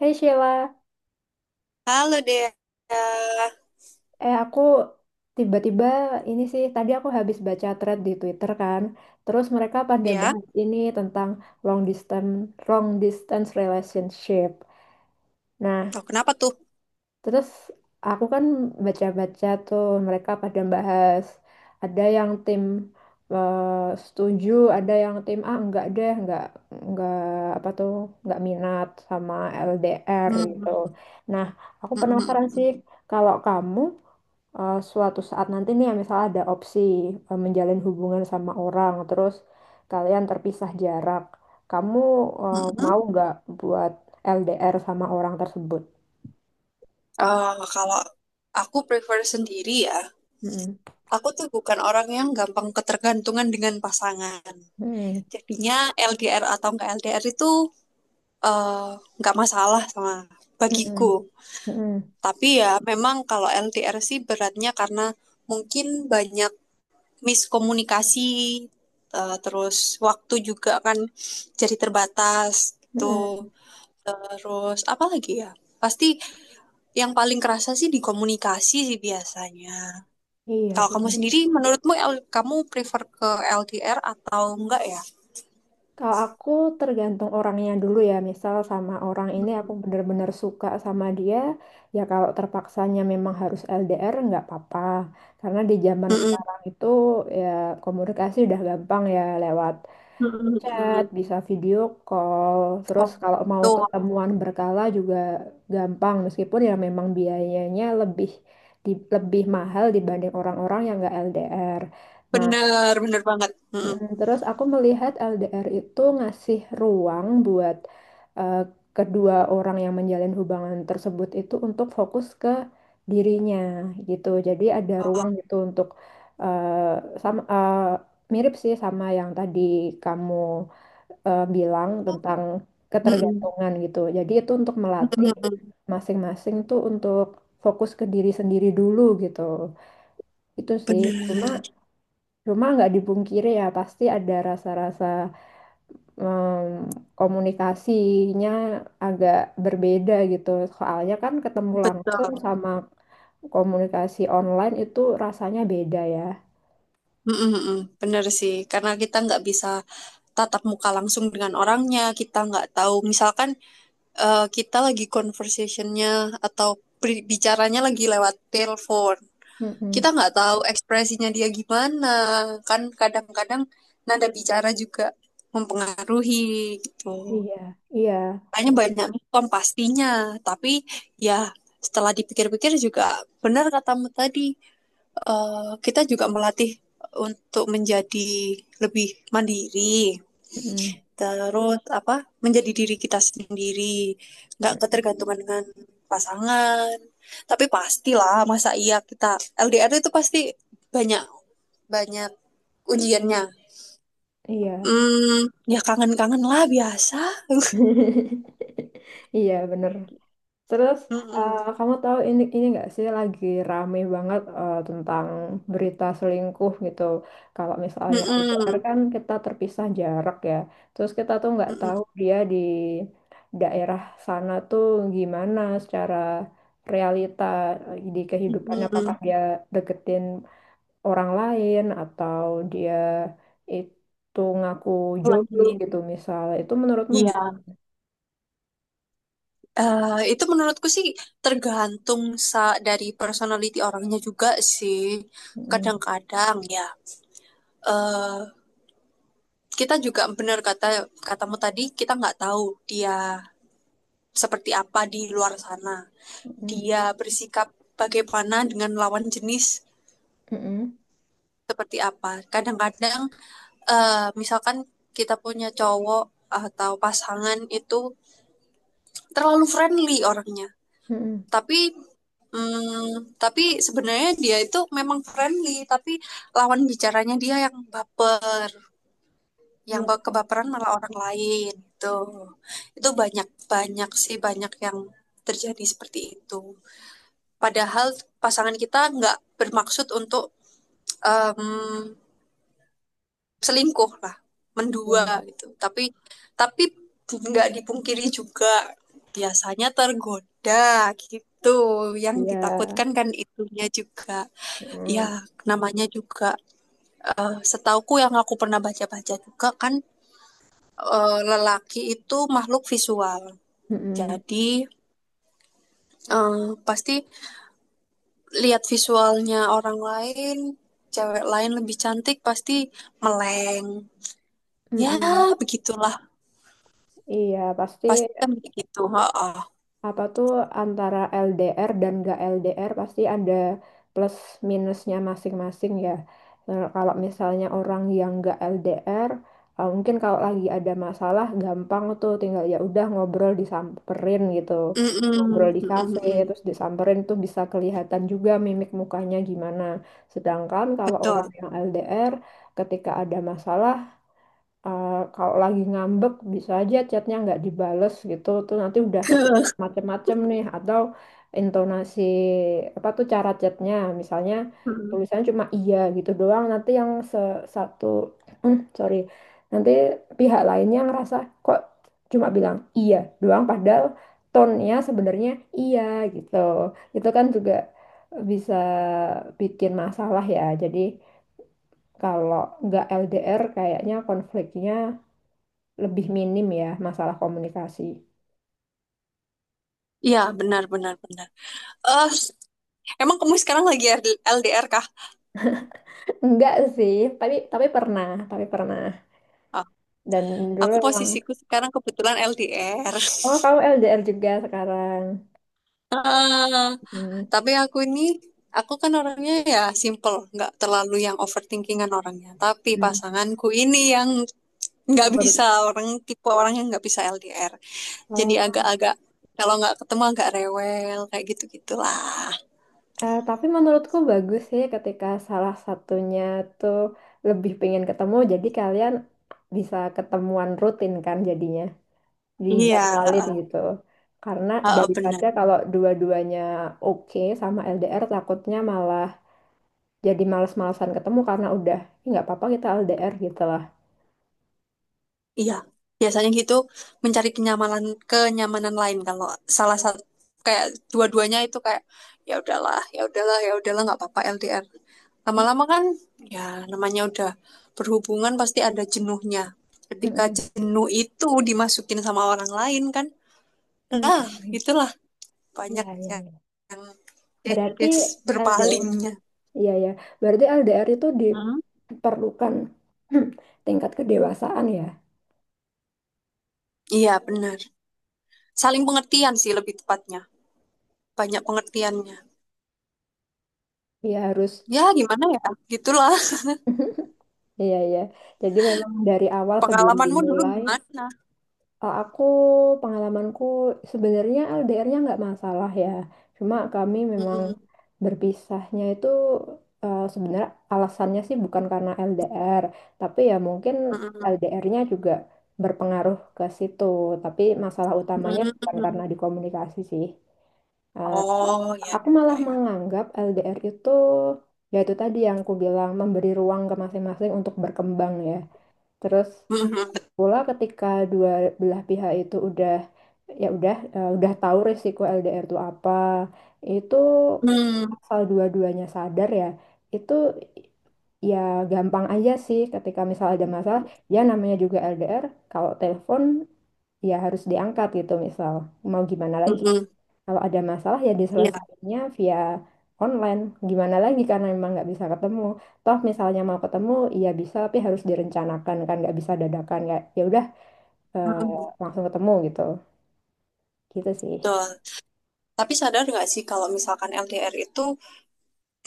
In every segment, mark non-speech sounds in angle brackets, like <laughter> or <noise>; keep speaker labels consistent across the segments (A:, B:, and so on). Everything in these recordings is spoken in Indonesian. A: Hey Sheila,
B: Halo Dea.
A: aku tiba-tiba ini sih tadi aku habis baca thread di Twitter kan, terus mereka pada
B: Ya,
A: bahas ini tentang long distance long distance relationship. Nah,
B: oh, kenapa tuh?
A: terus aku kan baca-baca tuh mereka pada bahas ada yang tim eh, setuju, ada yang tim ah enggak deh, enggak apa tuh, enggak minat sama LDR gitu.
B: Hmm.
A: Nah, aku
B: hmm, hmm,
A: penasaran
B: hmm.
A: sih kalau kamu suatu saat nanti nih ya, misalnya ada opsi menjalin hubungan sama orang terus kalian terpisah jarak kamu
B: hmm, hmm.
A: mau nggak buat LDR sama orang tersebut.
B: Eh, kalau aku prefer sendiri ya,
A: Mm-mm,
B: aku tuh bukan orang yang gampang ketergantungan dengan pasangan.
A: mm-mm,
B: Jadinya LDR atau enggak LDR itu eh, nggak masalah sama bagiku.
A: mm-mm, mm-mm,
B: Tapi ya memang kalau LDR sih beratnya karena mungkin banyak miskomunikasi, terus waktu juga kan jadi terbatas gitu.
A: mm-mm.
B: Terus apa lagi ya? Pasti yang paling kerasa sih di komunikasi sih biasanya.
A: Iya
B: Kalau
A: sih.
B: kamu sendiri, menurutmu kamu prefer ke LDR atau enggak ya?
A: Kalau aku tergantung orangnya dulu ya, misal sama orang ini aku bener-bener suka sama dia, ya kalau terpaksanya memang harus LDR nggak apa-apa. Karena di zaman
B: Mm-mm.
A: sekarang itu ya komunikasi udah gampang ya lewat chat,
B: Mm-mm.
A: bisa video call, terus
B: Oh,
A: kalau mau
B: tuh
A: ketemuan berkala juga gampang meskipun ya memang biayanya lebih lebih mahal dibanding orang-orang yang nggak LDR. Nah,
B: bener bener banget. Mm-mm.
A: mm, terus aku melihat LDR itu ngasih ruang buat eh, kedua orang yang menjalin hubungan tersebut itu untuk fokus ke dirinya gitu. Jadi ada
B: Oh.
A: ruang gitu untuk eh, sama eh, mirip sih sama yang tadi kamu bilang tentang
B: Mm-mm.
A: ketergantungan gitu. Jadi itu untuk melatih
B: Mm-mm.
A: masing-masing tuh untuk fokus ke diri sendiri dulu gitu. Itu sih. Cuma
B: Bener,
A: Cuma nggak dipungkiri ya, pasti ada rasa-rasa em, komunikasinya agak berbeda gitu. Soalnya kan ketemu langsung
B: betul.
A: sama komunikasi online itu rasanya beda ya.
B: Mm-mm. Bener sih, karena kita nggak bisa tatap muka langsung dengan orangnya, kita nggak tahu. Misalkan kita lagi conversationnya atau bicaranya lagi lewat telepon. Kita
A: Mm-mm.
B: nggak tahu ekspresinya dia gimana, kan kadang-kadang nada bicara juga mempengaruhi gitu.
A: Iya, iya,
B: Kayaknya banyak mikom pastinya, tapi ya setelah dipikir-pikir juga benar katamu tadi, kita juga melatih untuk menjadi lebih mandiri
A: mm-mm.
B: terus apa menjadi diri kita sendiri nggak ketergantungan dengan pasangan tapi pastilah masa iya kita LDR itu pasti banyak banyak ujiannya.
A: Iya.
B: hmm, Ya kangen-kangen lah biasa. <laughs>
A: <laughs> Iya, bener. Terus
B: Mm-mm.
A: kamu tahu ini nggak sih lagi rame banget tentang berita selingkuh gitu. Kalau misalnya LDR
B: Mm-mm.
A: kan kita terpisah jarak ya. Terus kita tuh nggak tahu
B: Mm-mm.
A: dia di daerah sana tuh gimana secara realita di kehidupannya apakah
B: Mm-mm.
A: dia deketin orang lain atau dia itu ngaku jomblo
B: Lagi
A: gitu misalnya. Itu menurutmu
B: iya,
A: gimana?
B: Itu menurutku sih tergantung sa dari personality orangnya juga sih.
A: Mm-mm,
B: Kadang-kadang ya, eh, kita juga benar kata katamu tadi kita nggak tahu dia seperti apa di luar sana,
A: mm-mm,
B: dia bersikap bagaimana dengan lawan jenis
A: mm-mm,
B: seperti apa. Kadang-kadang misalkan kita punya cowok atau pasangan itu terlalu friendly orangnya,
A: mm-mm.
B: tapi tapi sebenarnya dia itu memang friendly tapi lawan bicaranya dia yang baper, yang kebaperan malah orang lain itu. Itu banyak banyak sih, banyak yang terjadi seperti itu, padahal pasangan kita nggak bermaksud untuk em, selingkuh lah, mendua
A: Iya,
B: gitu. Tapi nggak dipungkiri juga biasanya tergoda gitu, yang
A: iya. Iya.
B: ditakutkan kan itunya juga. Ya
A: Mm,
B: namanya juga, setauku yang aku pernah baca-baca juga kan, lelaki itu makhluk visual.
A: mm,
B: Jadi eh, pasti lihat visualnya orang lain, cewek lain lebih cantik pasti meleng.
A: mm,
B: Ya,
A: mm.
B: begitulah.
A: Iya, pasti
B: Pasti kan begitu. Oh,
A: apa tuh antara LDR dan gak LDR pasti ada plus minusnya masing-masing ya. Nah, kalau misalnya orang yang gak LDR, mungkin kalau lagi ada masalah gampang tuh tinggal ya udah ngobrol disamperin gitu. Ngobrol
B: mm-mm,
A: di kafe
B: mm-mm,
A: terus disamperin tuh bisa kelihatan juga mimik mukanya gimana. Sedangkan kalau orang
B: betul.
A: yang LDR ketika ada masalah kalau lagi ngambek bisa aja chatnya nggak dibales gitu tuh nanti udah kepikiran
B: <laughs>
A: macem-macem nih atau intonasi apa tuh cara chatnya misalnya tulisannya cuma iya gitu doang nanti yang satu <clears throat> sorry nanti pihak lainnya ngerasa kok cuma bilang iya doang padahal tone-nya sebenarnya iya gitu itu kan juga bisa bikin masalah ya jadi kalau nggak LDR kayaknya konfliknya lebih minim ya masalah komunikasi.
B: Iya, benar, benar, benar. Eh, emang kamu sekarang lagi LDR kah?
A: <laughs> Enggak sih, tapi pernah, tapi pernah.
B: Ah,
A: Dan dulu
B: aku
A: memang,
B: posisiku sekarang kebetulan LDR.
A: oh kamu LDR juga sekarang.
B: <laughs>
A: Hmm,
B: Tapi aku ini, aku kan orangnya ya simple, nggak terlalu yang overthinkingan orangnya. Tapi
A: hmm.
B: pasanganku ini yang nggak
A: Aku baru-
B: bisa, orang tipe orang yang nggak bisa LDR. Jadi
A: oh.
B: agak-agak, kalau nggak ketemu agak rewel kayak gitu-gitulah.
A: Eh, tapi menurutku bagus sih ketika salah satunya tuh lebih pengen ketemu, jadi kalian bisa ketemuan rutin kan jadinya,
B: Iya,
A: dijadwalin
B: heeh,
A: gitu. Karena
B: heeh,
A: daripada
B: benar.
A: kalau dua-duanya oke sama LDR takutnya malah jadi males-malesan ketemu karena udah "Ih, nggak apa-apa kita LDR gitu lah."
B: Iya, biasanya gitu mencari kenyamanan, kenyamanan lain kalau salah satu kayak dua-duanya itu kayak ya udahlah, ya udahlah, ya udahlah nggak apa-apa LDR. Lama-lama kan ya namanya udah berhubungan pasti ada jenuhnya. Ketika
A: Mm-mm.
B: jenuh itu dimasukin sama orang lain kan, nah
A: Mm-mm.
B: itulah banyak
A: Ya, ya,
B: yang,
A: ya.
B: yang
A: Berarti
B: kes
A: LDR,
B: berpalingnya.
A: iya ya. Berarti LDR itu
B: Hmm?
A: diperlukan <clears throat> tingkat kedewasaan ya.
B: Iya benar, saling pengertian sih lebih tepatnya, banyak pengertiannya.
A: Ya harus.
B: Ya gimana ya, gitulah.
A: <laughs> Iya, ya. Jadi memang dari awal sebelum
B: Pengalamanmu dulu
A: dimulai.
B: gimana?
A: Eh, aku pengalamanku sebenarnya LDR-nya nggak masalah ya. Cuma kami memang
B: Mhm,
A: berpisahnya itu sebenarnya alasannya sih bukan karena LDR, tapi ya mungkin
B: mhm,
A: LDR-nya juga berpengaruh ke situ. Tapi masalah utamanya bukan
B: mmm.
A: karena di komunikasi sih. Eh,
B: Oh, ya
A: aku malah
B: ya ya.
A: menganggap LDR itu ya itu tadi yang aku bilang memberi ruang ke masing-masing untuk berkembang ya. Terus
B: Mhm,
A: pula ketika dua belah pihak itu udah ya udah udah tahu risiko LDR itu apa, itu
B: mmm,
A: asal dua-duanya sadar ya, itu ya gampang aja sih ketika misal ada masalah ya namanya juga LDR kalau telepon ya harus diangkat gitu misal mau gimana lagi
B: mhm,
A: kalau ada masalah ya
B: iya,
A: diselesaikannya via online gimana lagi karena memang nggak bisa ketemu toh misalnya mau ketemu ya bisa tapi harus direncanakan kan nggak bisa dadakan kayak ya udah eh,
B: mhm,
A: langsung ketemu gitu gitu sih.
B: betul. Tapi sadar nggak sih kalau misalkan LDR itu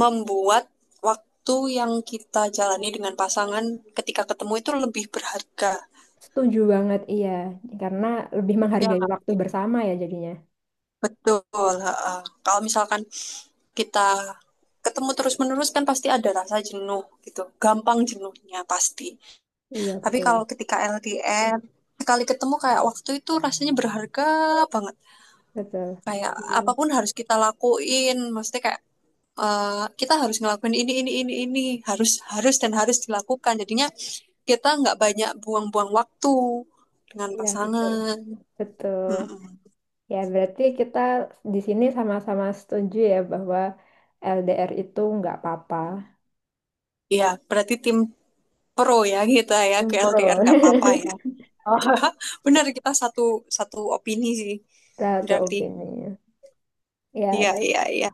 B: membuat waktu yang kita jalani dengan pasangan ketika ketemu itu lebih berharga,
A: Setuju banget iya karena lebih
B: ya
A: menghargai
B: nggak
A: waktu
B: sih?
A: bersama ya jadinya.
B: Betul, heeh. Kalau misalkan kita ketemu terus-menerus kan pasti ada rasa jenuh gitu, gampang jenuhnya pasti.
A: Iya
B: Tapi
A: betul.
B: kalau ketika LDR, sekali ketemu kayak waktu itu rasanya berharga banget.
A: Betul.
B: Kayak
A: Iya,
B: apapun harus kita lakuin, maksudnya kayak eh, kita harus ngelakuin ini, harus, harus dan harus dilakukan. Jadinya kita nggak banyak buang-buang waktu dengan
A: iya betul.
B: pasangan.
A: Betul.
B: Mm-mm.
A: Ya, berarti kita di sini sama-sama setuju ya bahwa LDR itu nggak apa-apa.
B: Iya, berarti tim pro ya kita ya ke
A: Umpro.
B: LDR nggak apa-apa ya.
A: <laughs>
B: <laughs> Benar kita satu satu opini sih.
A: Lah
B: Berarti
A: opini. Ya,
B: iya iya iya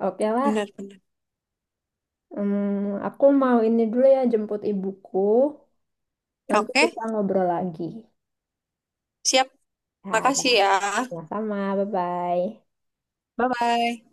A: oke lah.
B: benar benar.
A: Hmm, aku mau ini dulu ya jemput ibuku. Nanti
B: Oke,
A: kita ngobrol lagi.
B: siap.
A: Ya,
B: Makasih
A: dah.
B: ya.
A: Sama-sama. Bye-bye.
B: Bye-bye.